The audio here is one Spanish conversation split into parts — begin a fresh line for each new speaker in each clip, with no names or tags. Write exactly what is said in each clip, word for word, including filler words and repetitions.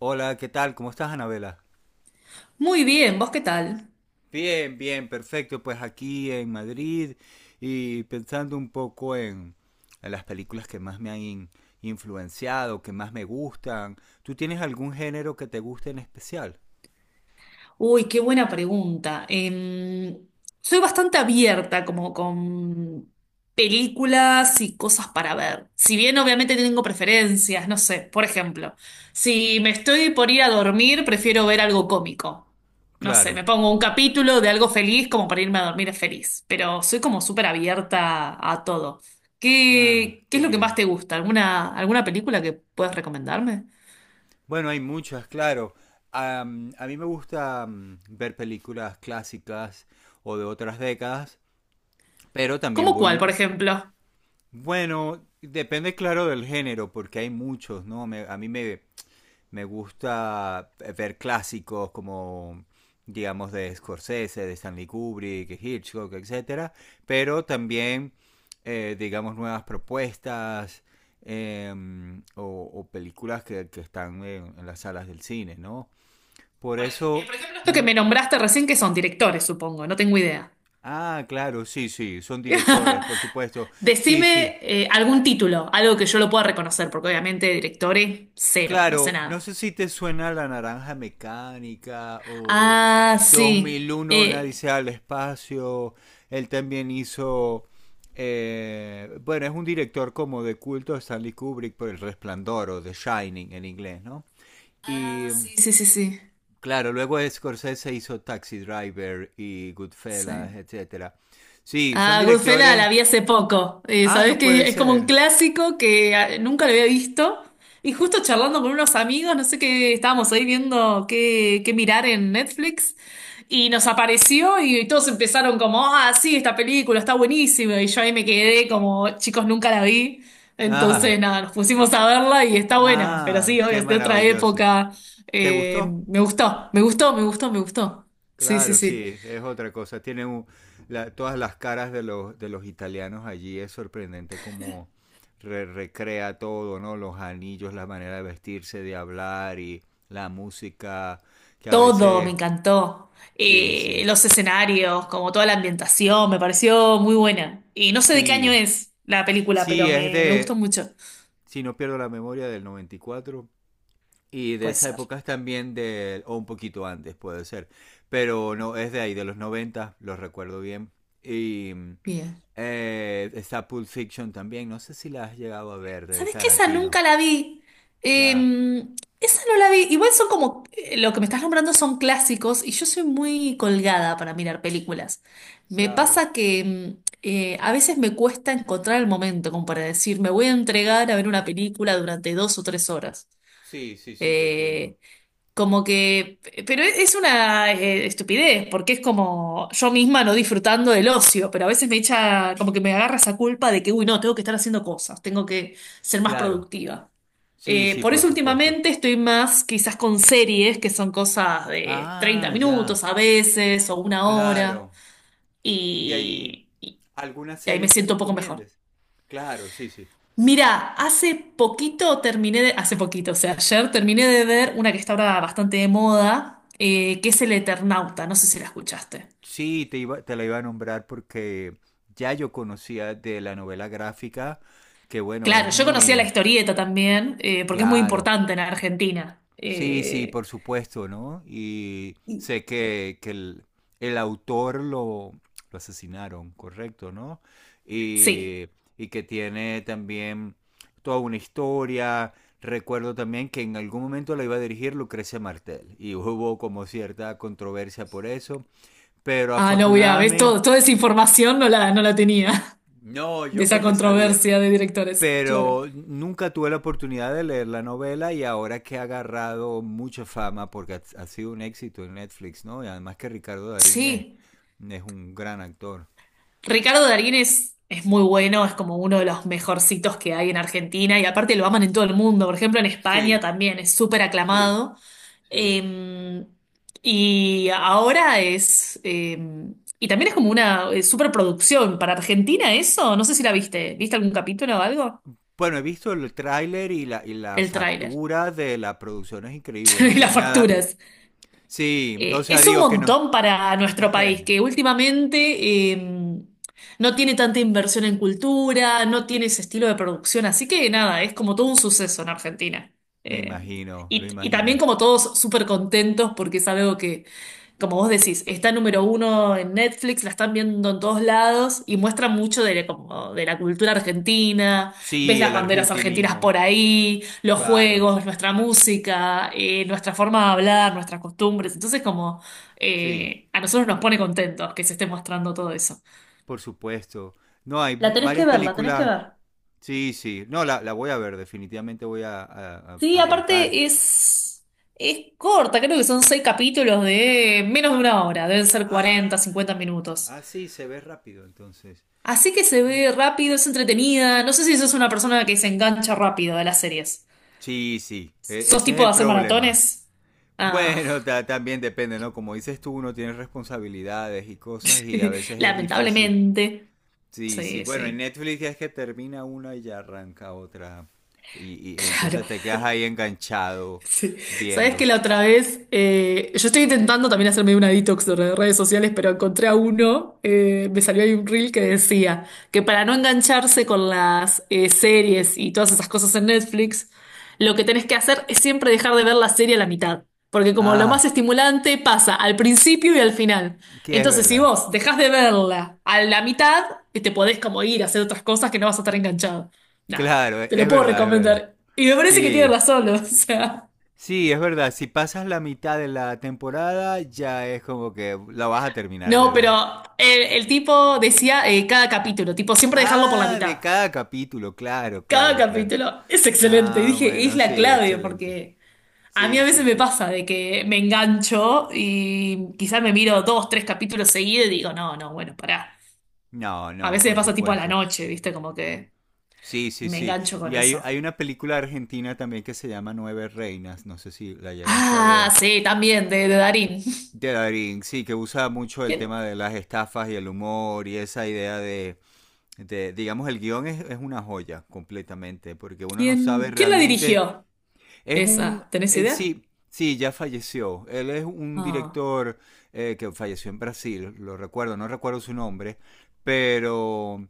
Hola, ¿qué tal? ¿Cómo estás, Anabela?
Muy bien, ¿vos qué tal?
Bien, bien, perfecto. Pues aquí en Madrid y pensando un poco en, en las películas que más me han in- influenciado, que más me gustan. ¿Tú tienes algún género que te guste en especial?
Uy, qué buena pregunta. Em, soy bastante abierta como con películas y cosas para ver. Si bien obviamente tengo preferencias, no sé, por ejemplo, si me estoy por ir a dormir, prefiero ver algo cómico. No sé,
Claro.
me pongo un capítulo de algo feliz como para irme a dormir feliz, pero soy como súper abierta a todo.
Ah,
¿Qué, qué
qué
es lo que más
bien.
te gusta? ¿Alguna, alguna película que puedas recomendarme?
Bueno, hay muchas, claro. Am, a mí me gusta am, ver películas clásicas o de otras décadas, pero también
¿Cómo cuál, por
voy,
ejemplo?
bueno, depende claro del género, porque hay muchos, ¿no? Me- a mí me, Me gusta eh, ver clásicos como, digamos, de Scorsese, de Stanley Kubrick, Hitchcock, etcétera. Pero también, eh, digamos, nuevas propuestas, eh, o, o, películas que, que están en, en las salas del cine, ¿no? Por
Por, eh, por
eso.
ejemplo, esto que
mm,
me
t-
nombraste recién, que son directores, supongo, no tengo idea.
Ah, claro, sí, sí, son directores, por supuesto. Sí, sí.
Decime eh, algún título, algo que yo lo pueda reconocer, porque obviamente directores, cero, no sé
Claro, no
nada.
sé si te suena La Naranja Mecánica o
Ah,
dos
sí.
mil uno va
Eh,
al espacio. Él también hizo, eh, bueno, es un director como de culto, de Stanley Kubrick, por El Resplandor o The Shining en inglés, ¿no? Y
ah, sí, sí, sí, sí.
claro, luego Scorsese hizo Taxi Driver y Goodfellas,
Sí.
etcétera. Sí, son
Ah, Goodfellas la
directores.
vi hace poco. Eh,
Ah,
sabés
no puede
que es como un
ser.
clásico que ah, nunca lo había visto. Y justo charlando con unos amigos, no sé qué, estábamos ahí viendo qué, qué mirar en Netflix. Y nos apareció y todos empezaron como, ah, sí, esta película está buenísima. Y yo ahí me quedé como, chicos, nunca la vi. Entonces,
Ah,
nada, nos pusimos a verla y está buena. Pero
ah,
sí, obvio,
qué
es de otra
maravilloso.
época.
¿Te
Eh,
gustó?
me gustó, me gustó, me gustó, me gustó. Sí, sí,
Claro,
sí.
sí, es otra cosa. Tiene un- la- todas las caras de los, de los italianos allí. Es sorprendente cómo re- recrea todo, ¿no? Los anillos, la manera de vestirse, de hablar y la música, que a
Todo, me
veces...
encantó.
Sí,
Eh,
sí,
los escenarios, como toda la ambientación, me pareció muy buena. Y no sé de qué año
sí.
es la película,
Sí,
pero
es
me, me gustó
de...
mucho.
Si no pierdo la memoria, del noventa Y cuatro y de
Puede
esa
ser.
época es también de... o un poquito antes, puede ser. Pero no, es de ahí, de los noventa lo recuerdo bien. Y... mm,
Bien.
Eh, está Pulp Fiction también, no sé si la has llegado a ver, de
¿Sabes qué? Esa
Tarantino.
nunca la vi. Eh,
Ya,
Esa no la vi. Igual son como, eh, lo que me estás nombrando son clásicos y yo soy muy colgada para mirar películas. Me
claro.
pasa que mm, eh, a veces me cuesta encontrar el momento como para decir, me voy a entregar a ver una película durante dos o tres horas.
Sí, sí, sí, te entiendo.
Eh, Como que, pero e-, es una eh, estupidez, porque es como yo misma no disfrutando del ocio, pero a veces me echa, como que me agarra esa culpa de que, uy, no, tengo que estar haciendo cosas, tengo que ser más
Claro.
productiva.
Sí,
Eh,
sí,
por
por
eso
supuesto.
últimamente estoy más quizás con series, que son cosas de treinta
Ah, ya.
minutos a veces, o una hora,
Claro. ¿Y ahí
y, y
alguna
y ahí me
serie que
siento un poco mejor.
recomiendes? Claro, sí, sí.
Mira, hace poquito terminé de, hace poquito, o sea, ayer terminé de ver una que está ahora bastante de moda, eh, que es El Eternauta, no sé si la escuchaste.
Sí, te iba, te la iba a nombrar porque ya yo conocía de la novela gráfica, que bueno, es
Claro, yo conocía la
muy
historieta también, eh, porque es muy
claro.
importante en Argentina.
Sí, sí,
Eh,
por supuesto, ¿no? Y
y-
sé que, que el, el autor lo, lo asesinaron, correcto, ¿no?
sí.
Y, y que tiene también toda una historia. Recuerdo también que en algún momento la iba a dirigir Lucrecia Martel y hubo como cierta controversia por eso, pero
Ah, no, mira, ves, todo,
afortunadamente...
toda esa información no la, no la tenía,
No,
de
yo
esa
porque sabía,
controversia de directores, claro.
pero nunca tuve la oportunidad de leer la novela, y ahora que ha agarrado mucha fama porque ha, ha sido un éxito en Netflix, ¿no? Y además que Ricardo Darín es,
Sí.
es un gran actor.
Ricardo Darín es, es muy bueno, es como uno de los mejorcitos que hay en Argentina y aparte lo aman en todo el mundo. Por ejemplo, en España
Sí,
también es súper
sí,
aclamado.
sí.
Eh, y ahora es... eh, y también es como una eh, superproducción. Para Argentina eso, no sé si la viste. ¿Viste algún capítulo o algo?
Bueno, he visto el tráiler y la, y la
El tráiler.
factura de la producción es increíble, no
Y
tiene
las
nada. No.
facturas.
Sí, o
Eh,
sea,
es un
digo que no.
montón para nuestro país, que últimamente eh, no tiene tanta inversión en cultura, no tiene ese estilo de producción, así que nada, es como todo un suceso en Argentina.
Me
Eh,
imagino, lo
y, y también
imagino.
como todos súper contentos porque es algo como vos decís, está número uno en Netflix, la están viendo en todos lados y muestra mucho de, la- como de la cultura argentina, ves
Sí,
las
el
banderas argentinas
argentinismo,
por ahí, los
claro,
juegos, nuestra música, eh, nuestra forma de hablar, nuestras costumbres. Entonces, como
sí,
eh, a nosotros nos pone contentos que se esté mostrando todo eso.
por supuesto. No, hay
La tenés
varias
que ver, la tenés que
películas.
ver.
Sí, sí. No, la, la voy a ver, definitivamente voy a, a- a
Sí,
arrancar.
aparte es, es corta, creo que son seis capítulos de menos de una hora, deben ser cuarenta,
Ah,
cincuenta minutos.
ah, sí, se ve rápido entonces.
Así que se ve rápido, es entretenida. No sé si sos una persona que se engancha rápido de las series.
Sí, sí, e-
¿Sos
ese es
tipo de
el
hacer
problema.
maratones? Ah,
Bueno, ta- también depende, ¿no? Como dices tú, uno tiene responsabilidades y cosas y a veces es difícil.
lamentablemente.
Sí, sí,
Sí,
bueno, en
sí.
Netflix ya es que termina una y ya arranca otra. Y, y- y
Claro.
entonces te quedas ahí enganchado
Sí. Sabes que
viendo.
la otra vez, eh, yo estoy intentando también hacerme una detox de re- redes sociales, pero encontré a uno, eh, me salió ahí un reel que decía que para no engancharse con las eh, series y todas esas cosas en Netflix, lo que tenés que hacer es siempre dejar de ver la serie a la mitad, porque como lo más
Ah,
estimulante pasa al principio y al final.
que es
Entonces, si
verdad.
vos dejás de verla a la mitad, te podés como ir a hacer otras cosas que no vas a estar enganchado. Nada,
Claro, e,
te
es
lo puedo
verdad, es verdad.
recomendar. Y me parece que tiene
Sí.
razón, o sea.
Sí, es verdad, si pasas la mitad de la temporada ya es como que la vas a terminar de
No,
ver.
pero el, el tipo decía eh, cada capítulo, tipo siempre dejarlo por la
Ah,
mitad.
de cada capítulo, claro,
Cada
claro, claro.
capítulo es excelente. Y
Ah,
dije, es
bueno,
la
sí,
clave,
excelente.
porque a mí
Sí,
a
sí,
veces me
sí.
pasa de que me engancho y quizás me miro dos, tres capítulos seguidos y digo, no, no, bueno, pará.
No,
A
no,
veces me
por
pasa tipo a la
supuesto.
noche, ¿viste? Como que
Sí, sí,
me
sí.
engancho con
Y hay, hay
eso.
una película argentina también que se llama Nueve Reinas, no sé si la llegaste a
Ah,
ver,
sí, también, de, de Darín.
de Darín, sí, que usa mucho el
¿Quién,
tema de las estafas y el humor y esa idea de de- digamos, el guión es, es una joya completamente, porque uno no sabe
quién, Quién la
realmente.
dirigió
Es un...
esa? ¿Tenés
eh,
idea?
sí, sí, ya falleció. Él es un
Ah,
director, eh, que falleció en Brasil, lo recuerdo, no recuerdo su nombre, pero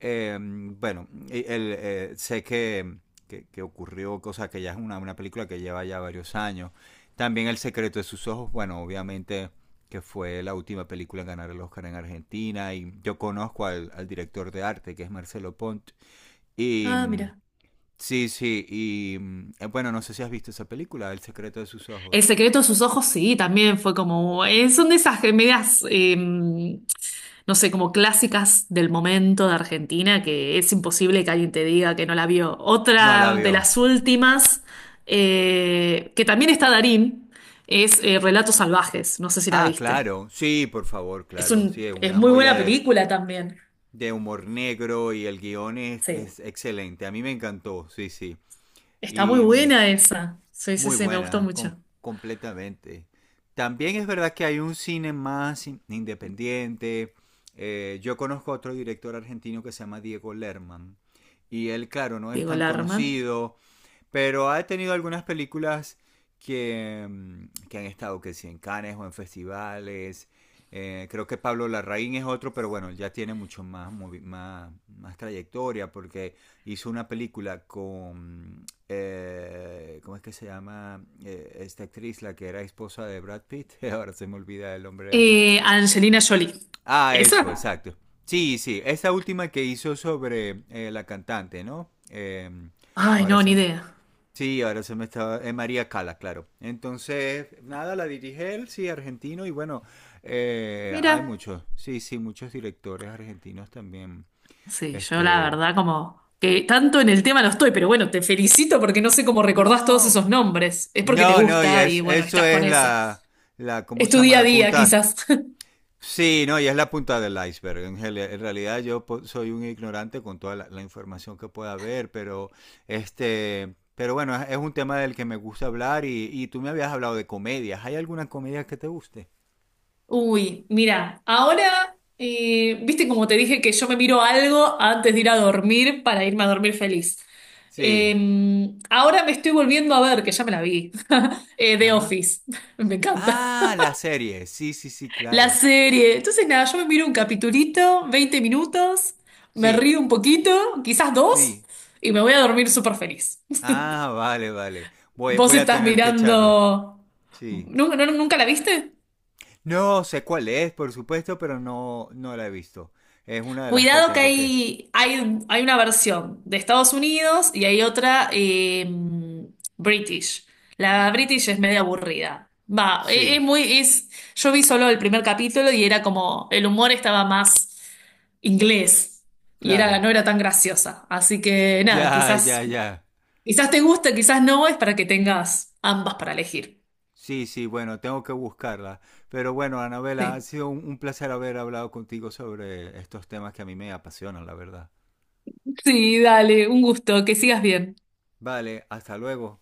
eh, bueno, y el, eh, sé que, que, que ocurrió, cosa que ya es una, una película que lleva ya varios años. También El secreto de sus ojos, bueno, obviamente, que fue la última película en ganar el Oscar en Argentina, y yo conozco al, al director de arte, que es Marcelo Pont, y
ah,
mm,
mira.
sí, sí, y mm, eh, bueno, no sé si has visto esa película, El secreto de sus
El
ojos.
secreto de sus ojos, sí, también fue como. Eh, son de esas comedias, eh, no sé, como clásicas del momento de Argentina, que es imposible que alguien te diga que no la vio.
No la
Otra de
vio.
las últimas, eh, que también está Darín, es eh, Relatos Salvajes. No sé si la
Ah,
viste.
claro, sí, por favor,
Es
claro, sí,
un,
es
es
una
muy
joya
buena
de,
película también.
de humor negro, y el guión es,
Sí.
es excelente. A mí me encantó, sí, sí.
Está muy
Y mm,
buena esa. Sí, sí,
muy
sí, me gustó
buena, com-
mucho.
completamente. También es verdad que hay un cine más in- independiente. Eh, yo conozco a otro director argentino que se llama Diego Lerman. Y él, claro, no es
Diego
tan
Larman.
conocido, pero ha tenido algunas películas que, mm, que han estado, que si en Cannes o en festivales. Eh, creo que Pablo Larraín es otro, pero bueno, ya tiene mucho más, movi- más, más trayectoria, porque hizo una película con, eh, ¿cómo es que se llama? Eh, esta actriz, la que era esposa de Brad Pitt. Ahora se me olvida el nombre de ella.
Eh, Angelina Jolie.
Ah, eso,
¿Esa?
exacto. Sí, sí, esta última que hizo sobre, eh, la cantante, ¿no? Eh,
Ay,
ahora
no,
se,
ni idea.
Sí, ahora se me estaba... Es María Cala, claro. Entonces, nada, la dirige él, sí, argentino. Y bueno, eh,
Mira,
hay muchos, sí, sí, muchos directores argentinos también.
sí, yo la
Este.
verdad como que tanto en el tema no estoy, pero bueno, te felicito porque no sé cómo recordás todos
No,
esos nombres. Es porque te
no, no, y
gusta y
es,
bueno,
eso
estás
es
con eso.
la, la, ¿cómo
Es
se
tu
llama?
día a
La
día,
punta.
quizás.
Sí, no, y es la punta del iceberg. En, gel- en realidad yo po- soy un ignorante con toda la, la información que pueda haber, pero este, pero bueno, es, es un tema del que me gusta hablar, y, y tú me habías hablado de comedias. ¿Hay alguna comedia que te guste?
Uy, mira, ahora, eh, viste como te dije que yo me miro algo antes de ir a dormir para irme a dormir feliz. Eh,
Sí.
Ahora me estoy volviendo a ver, que ya me la vi, eh, The
Ajá.
Office. Me encanta.
Ah, la serie. Sí, sí, sí,
La
claro.
serie. Entonces, nada, yo me miro un capitulito, veinte minutos, me
Sí,
río un poquito, quizás dos,
sí.
y me voy a dormir súper feliz.
Ah, vale, vale. Voy,
¿Vos
voy a
estás
tener que
mirando...
echarle. Sí.
¿Nun- no- ¿Nunca la viste?
No sé cuál es, por supuesto, pero no, no la he visto. Es una de las que
Cuidado que
tengo que...
hay, hay, hay una versión de Estados Unidos y hay otra eh, British. La
Ah.
British es medio aburrida. Va, e- es,
Sí,
muy, es, Yo vi solo el primer capítulo y era como, el humor estaba más inglés y era,
claro.
no era tan graciosa. Así que nada,
Ya, ya,
quizás,
ya.
quizás te guste, quizás no, es para que tengas ambas para elegir.
Sí, sí, bueno, tengo que buscarla. Pero bueno, Anabela, ha
Sí.
sido un, un placer haber hablado contigo sobre estos temas que a mí me apasionan, la verdad.
Sí, dale, un gusto, que sigas bien.
Vale, hasta luego.